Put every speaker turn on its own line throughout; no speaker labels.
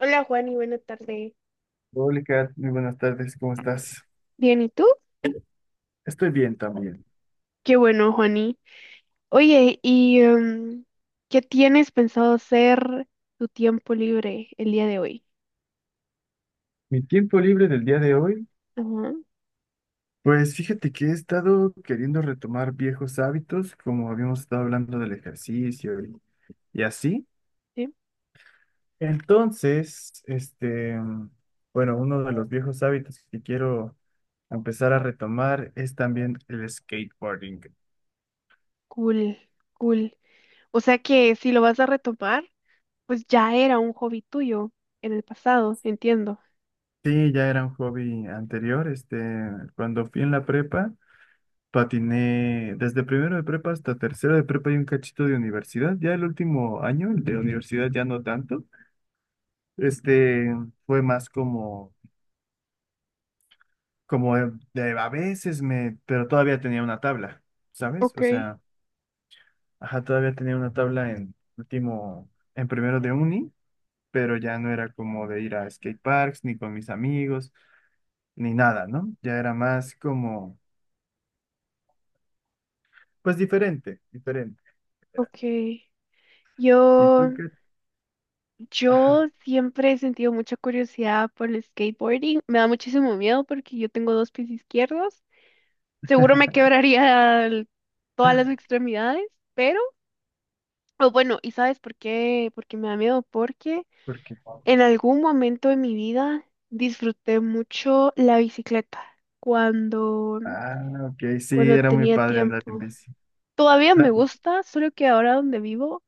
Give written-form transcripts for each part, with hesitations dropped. Hola Juani, buena tarde.
Hola, Kat, muy buenas tardes, ¿cómo estás?
Bien, ¿y tú?
Estoy bien también.
Qué bueno, Juani. Oye, ¿ qué tienes pensado hacer tu tiempo libre el día de hoy?
Mi tiempo libre del día de hoy,
Ajá,
pues fíjate que he estado queriendo retomar viejos hábitos, como habíamos estado hablando del ejercicio y así.
sí.
Entonces, bueno, uno de los viejos hábitos que quiero empezar a retomar es también el skateboarding.
Cool, cool. O sea que si lo vas a retomar, pues ya era un hobby tuyo en el pasado, entiendo.
Sí, ya era un hobby anterior, cuando fui en la prepa. Patiné desde primero de prepa hasta tercero de prepa y un cachito de universidad. Ya el último año, el de. Ujú. Universidad ya no tanto. Este fue más como de, a veces me, pero todavía tenía una tabla, ¿sabes?
Ok,
O sea, ajá, todavía tenía una tabla en último, en primero de uni, pero ya no era como de ir a skate parks, ni con mis amigos, ni nada, ¿no? Ya era más como, pues diferente, diferente.
ok.
¿Y
Yo,
tú qué?
yo
Ajá,
siempre he sentido mucha curiosidad por el skateboarding. Me da muchísimo miedo porque yo tengo dos pies izquierdos. Seguro me quebraría todas las extremidades, pero, o bueno, ¿y sabes por qué? Porque me da miedo, porque
¿por qué?
en algún momento de mi vida disfruté mucho la bicicleta cuando,
Ah, ok, sí,
cuando
era muy
tenía
padre andar en
tiempo.
bici.
Todavía me
Ah,
gusta, solo que ahora donde vivo,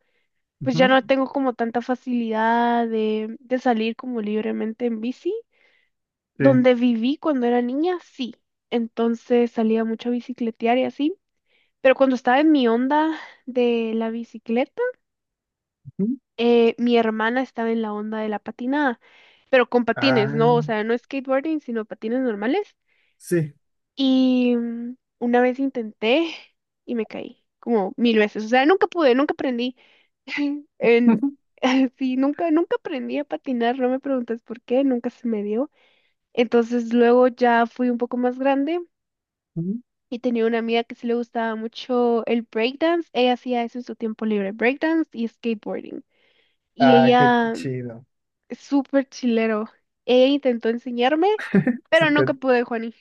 pues ya
ujú,
no tengo como tanta facilidad de salir como libremente en bici.
sí.
Donde viví cuando era niña, sí. Entonces salía mucho a bicicletear y así. Pero cuando estaba en mi onda de la bicicleta,
Ujú.
mi hermana estaba en la onda de la patinada, pero con patines,
Ah,
¿no? O sea, no skateboarding, sino patines normales.
sí.
Y una vez intenté y me caí como mil veces. O sea, nunca pude, nunca aprendí. En, sí, nunca aprendí a patinar, no me preguntes por qué, nunca se me dio. Entonces luego ya fui un poco más grande
Ujú.
y tenía una amiga que sí le gustaba mucho el breakdance. Ella hacía eso en su tiempo libre, breakdance y skateboarding. Y
Ah, qué
ella,
chido.
súper chilero. Ella intentó enseñarme, pero nunca
Súper.
pude, Juani.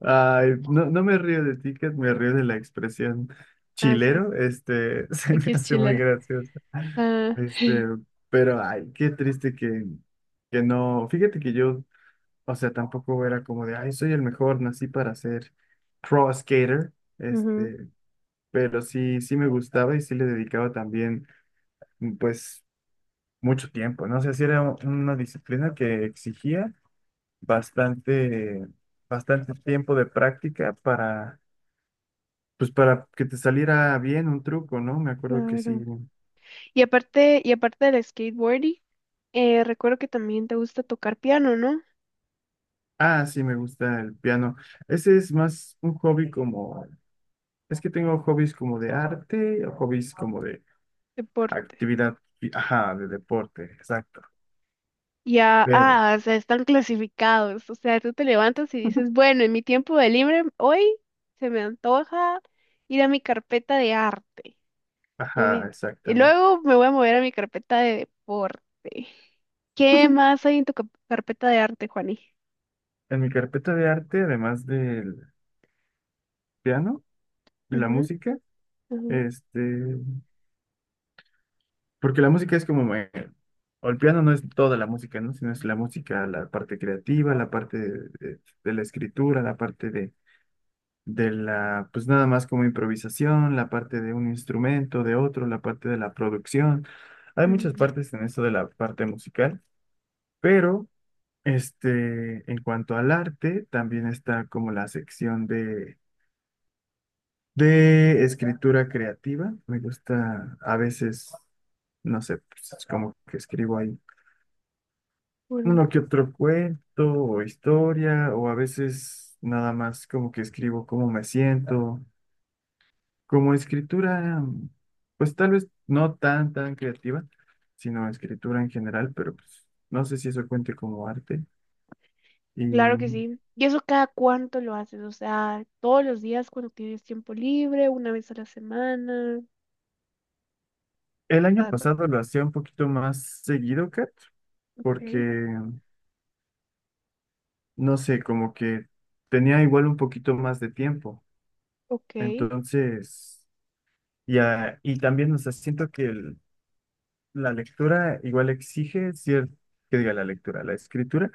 Ay, no, no me río de ticket, me río de la expresión
Ah, sí,
chilero. Se me
aquí es
hace muy
chilero.
gracioso.
Ah,
Este, pero ay, qué triste que no. Fíjate que yo, o sea, tampoco era como de, ay, soy el mejor, nací para ser pro skater.
ujú,
Pero sí, sí me gustaba y sí le dedicaba también, pues, mucho tiempo, ¿no? O sea, sí era una disciplina que exigía bastante, bastante tiempo de práctica para, pues, para que te saliera bien un truco, ¿no? Me acuerdo que sí.
claro. Y aparte del skateboarding, recuerdo que también te gusta tocar piano, ¿no?
Ah, sí, me gusta el piano. Ese es más un hobby como, es que tengo hobbies como de arte o hobbies como de
Deporte.
actividad, ajá, de deporte, exacto.
Ya,
Pero,
ah, o sea, están clasificados. O sea, tú te levantas y dices, bueno, en mi tiempo de libre hoy se me antoja ir a mi carpeta de arte. Y,
ajá,
y
exactamente.
luego me voy a mover a mi carpeta de deporte. ¿Qué más hay en tu carpeta de arte, Juani?
En mi carpeta de arte, además del piano y la
Ujú,
música,
ujú,
este, porque la música es como, o el piano no es toda la música, ¿no? Sino es la música, la parte creativa, la parte de la escritura, la parte de la, pues nada más como improvisación, la parte de un instrumento, de otro, la parte de la producción. Hay muchas
ujú.
partes en esto de la parte musical, pero en cuanto al arte, también está como la sección de escritura creativa, me gusta a veces, no sé, pues es como que escribo ahí
Bueno,
uno que otro cuento o historia, o a veces nada más como que escribo cómo me siento. Como escritura, pues tal vez no tan, tan creativa, sino escritura en general, pero pues no sé si eso cuente como arte. Y
claro que sí. ¿Y eso cada cuánto lo haces? O sea, todos los días, cuando tienes tiempo libre, una vez a la semana.
el año
Cada cuánto.
pasado lo hacía un poquito más seguido, Kat,
Ok,
porque no sé, como que tenía igual un poquito más de tiempo.
ok,
Entonces, ya, y también, o sea, siento que la lectura igual exige cierto, que diga la lectura, la escritura,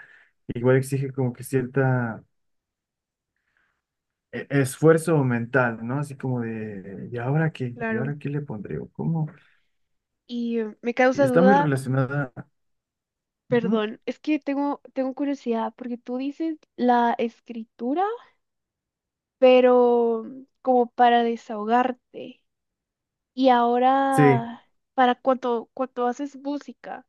igual exige como que cierta esfuerzo mental, ¿no? Así como de, ¿y ahora qué? ¿Y
claro.
ahora qué le pondré? ¿O cómo?
Y me
Y
causa
está muy
duda,
relacionada. Ujú.
perdón, es que tengo curiosidad, porque tú dices la escritura, pero como para desahogarte. Y
Sí,
ahora, para cuando haces música,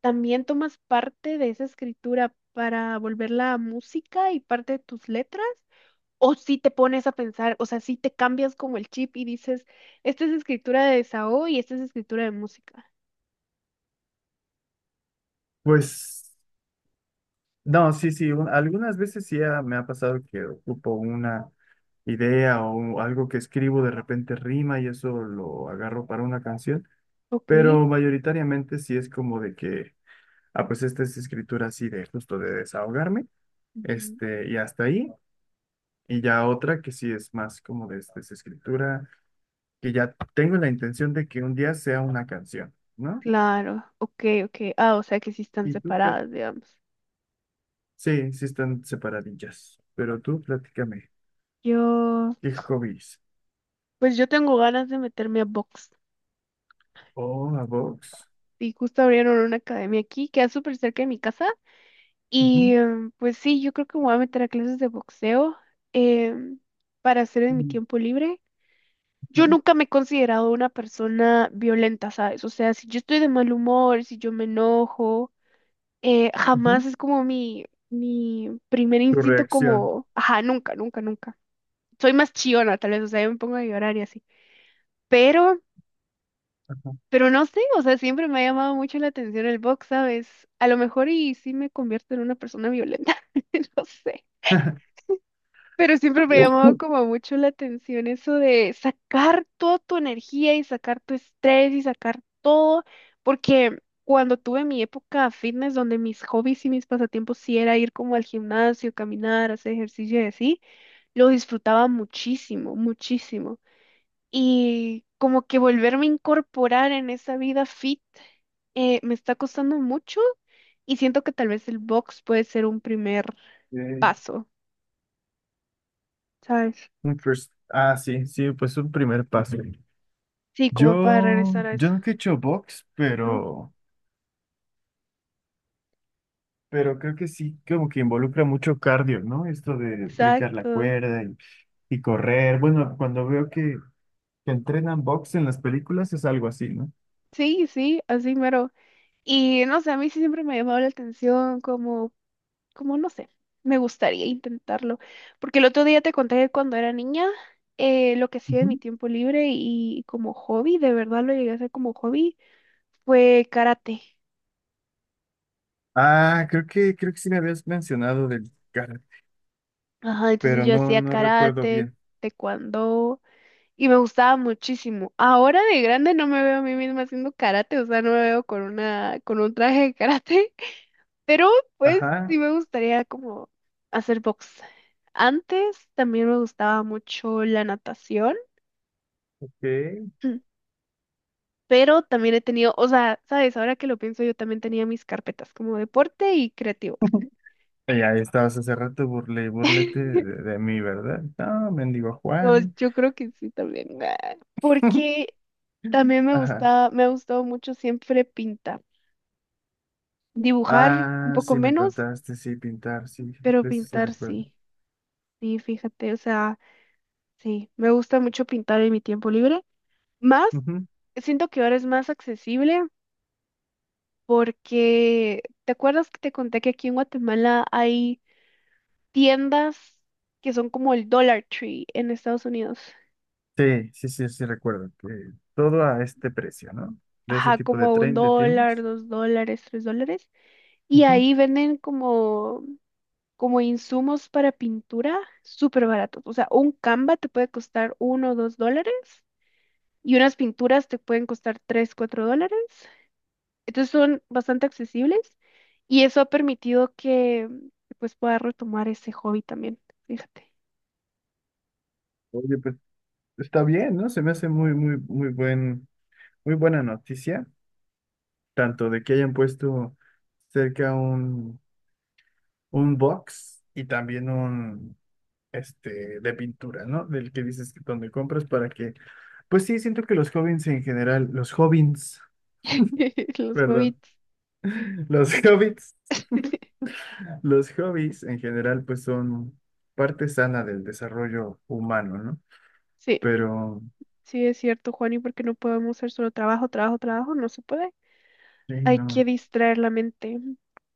¿también tomas parte de esa escritura para volverla a música y parte de tus letras? ¿O si te pones a pensar, o sea, si te cambias como el chip y dices, esta es escritura de desahogo y esta es escritura de música?
pues. No, sí, sí, algunas veces sí me ha pasado que ocupo una idea o algo que escribo de repente rima y eso lo agarro para una canción,
Ok.
pero mayoritariamente sí es como de que, ah, pues esta es escritura así de justo de desahogarme,
Ujú.
y hasta ahí, y ya otra que sí es más como de esta es escritura, que ya tengo la intención de que un día sea una canción, ¿no?
Claro, ok, ok. Ah, o sea que sí están
¿Y tú qué?
separadas, digamos.
Sí, sí están separadillas, pero tú platícame,
Yo,
¿qué hobbies?
pues yo tengo ganas de meterme a box.
Oh, la box.
Y justo abrieron una academia aquí, queda súper cerca de mi casa. Y
Ujú,
pues sí, yo creo que me voy a meter a clases de boxeo em, para hacer en mi
mm,
tiempo libre.
ajá,
Yo nunca me he considerado una persona violenta, ¿sabes? O sea, si yo estoy de mal humor, si yo me enojo, jamás
ujú.
es como mi primer
Tu
instinto
reacción.
como, ajá, nunca, nunca, nunca. Soy más chillona, tal vez, o sea, yo me pongo a llorar y así. Pero,
Ajá.
pero no sé, o sea, siempre me ha llamado mucho la atención el box, ¿sabes? A lo mejor y sí me convierto en una persona violenta, no sé. Pero siempre me ha llamado
Ok.
como mucho la atención eso de sacar toda tu energía y sacar tu estrés y sacar todo, porque cuando tuve mi época fitness, donde mis hobbies y mis pasatiempos sí era ir como al gimnasio, caminar, hacer ejercicio y así, lo disfrutaba muchísimo, muchísimo. Y como que volverme a incorporar en esa vida fit me está costando mucho, y siento que tal vez el box puede ser un primer paso, ¿sabes?
Un first. Ah, sí, sí, pues un primer paso. Ujú.
Sí, como para
Yo,
regresar a
yo
eso,
nunca he hecho box,
¿no? Ujú.
pero creo que sí, como que involucra mucho cardio, ¿no? Esto de brincar la
Exacto.
cuerda y correr. Bueno, cuando veo que entrenan box en las películas es algo así, ¿no?
Sí, sí, así mero. Y no sé, a mí sí siempre me ha llamado la atención como, como no sé, me gustaría intentarlo. Porque el otro día te conté que cuando era niña, lo que hacía en
Ujú.
mi tiempo libre y como hobby, de verdad lo llegué a hacer como hobby fue karate.
Ah, creo que sí me habías mencionado del karate,
Ajá, entonces
pero
yo
no,
hacía
no recuerdo
karate,
bien.
taekwondo y me gustaba muchísimo. Ahora de grande no me veo a mí misma haciendo karate, o sea, no me veo con una con un traje de karate, pero pues sí
Ajá,
me gustaría como hacer box. Antes también me gustaba mucho la natación.
¿qué?
Pero también he tenido, o sea, sabes, ahora que lo pienso, yo también tenía mis carpetas como deporte y creativo.
Y ahí estabas hace rato, burlete de mí, ¿verdad? No, mendigo
No,
Juani.
yo creo que sí también. Ah, porque también me
Ajá.
gusta, me ha gustado mucho siempre pintar. Dibujar un
Ah,
poco
sí me
menos,
contaste, sí, pintar, sí,
pero
de eso sí
pintar
recuerdo.
sí. Sí, fíjate, o sea, sí, me gusta mucho pintar en mi tiempo libre. Más,
Ujú.
siento que ahora es más accesible porque, ¿te acuerdas que te conté que aquí en Guatemala hay tiendas que son como el Dollar Tree en Estados Unidos?
Sí, sí, sí, sí recuerdo que todo a este precio, ¿no? De ese
Ajá,
tipo de
como un
tren de
dólar,
tiendas.
dos dólares, tres dólares. Y
Ujú.
ahí venden como insumos para pintura súper baratos. O sea, un Canva te puede costar uno o dos dólares y unas pinturas te pueden costar tres, cuatro dólares. Entonces son bastante accesibles y eso ha permitido que pues pueda retomar ese hobby también. Fíjate.
Oye, pues está bien, ¿no? Se me hace muy, muy, muy muy buena noticia, tanto de que hayan puesto cerca un box y también un de pintura, ¿no? Del que dices que donde compras para que, pues sí, siento que los jóvenes en general, los hobbies,
Los
perdón,
hobbies.
los hobbits, los hobbies en general, pues son parte sana del desarrollo humano, ¿no?
Sí,
Pero,
sí es cierto, Juani, porque no podemos hacer solo trabajo, trabajo, trabajo, no se puede.
sí,
Hay que
no,
distraer la mente.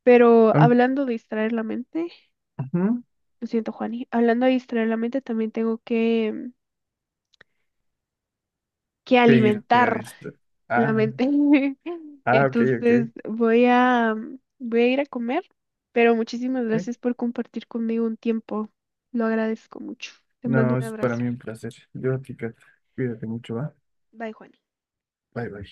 Pero
am-
hablando de distraer la mente,
ujú,
lo siento, Juani. Hablando de distraer la mente, también tengo que
que irte a
alimentar
distraer.
la
Ah,
mente.
ah, ok, ok,
Entonces, voy a, voy a ir a comer, pero muchísimas
sí.
gracias por compartir conmigo un tiempo. Lo agradezco mucho. Te mando
No,
un
es para
abrazo.
mí un placer. Yo, chica, cuídate mucho, ¿va?
Bye, Juani.
Bye, bye.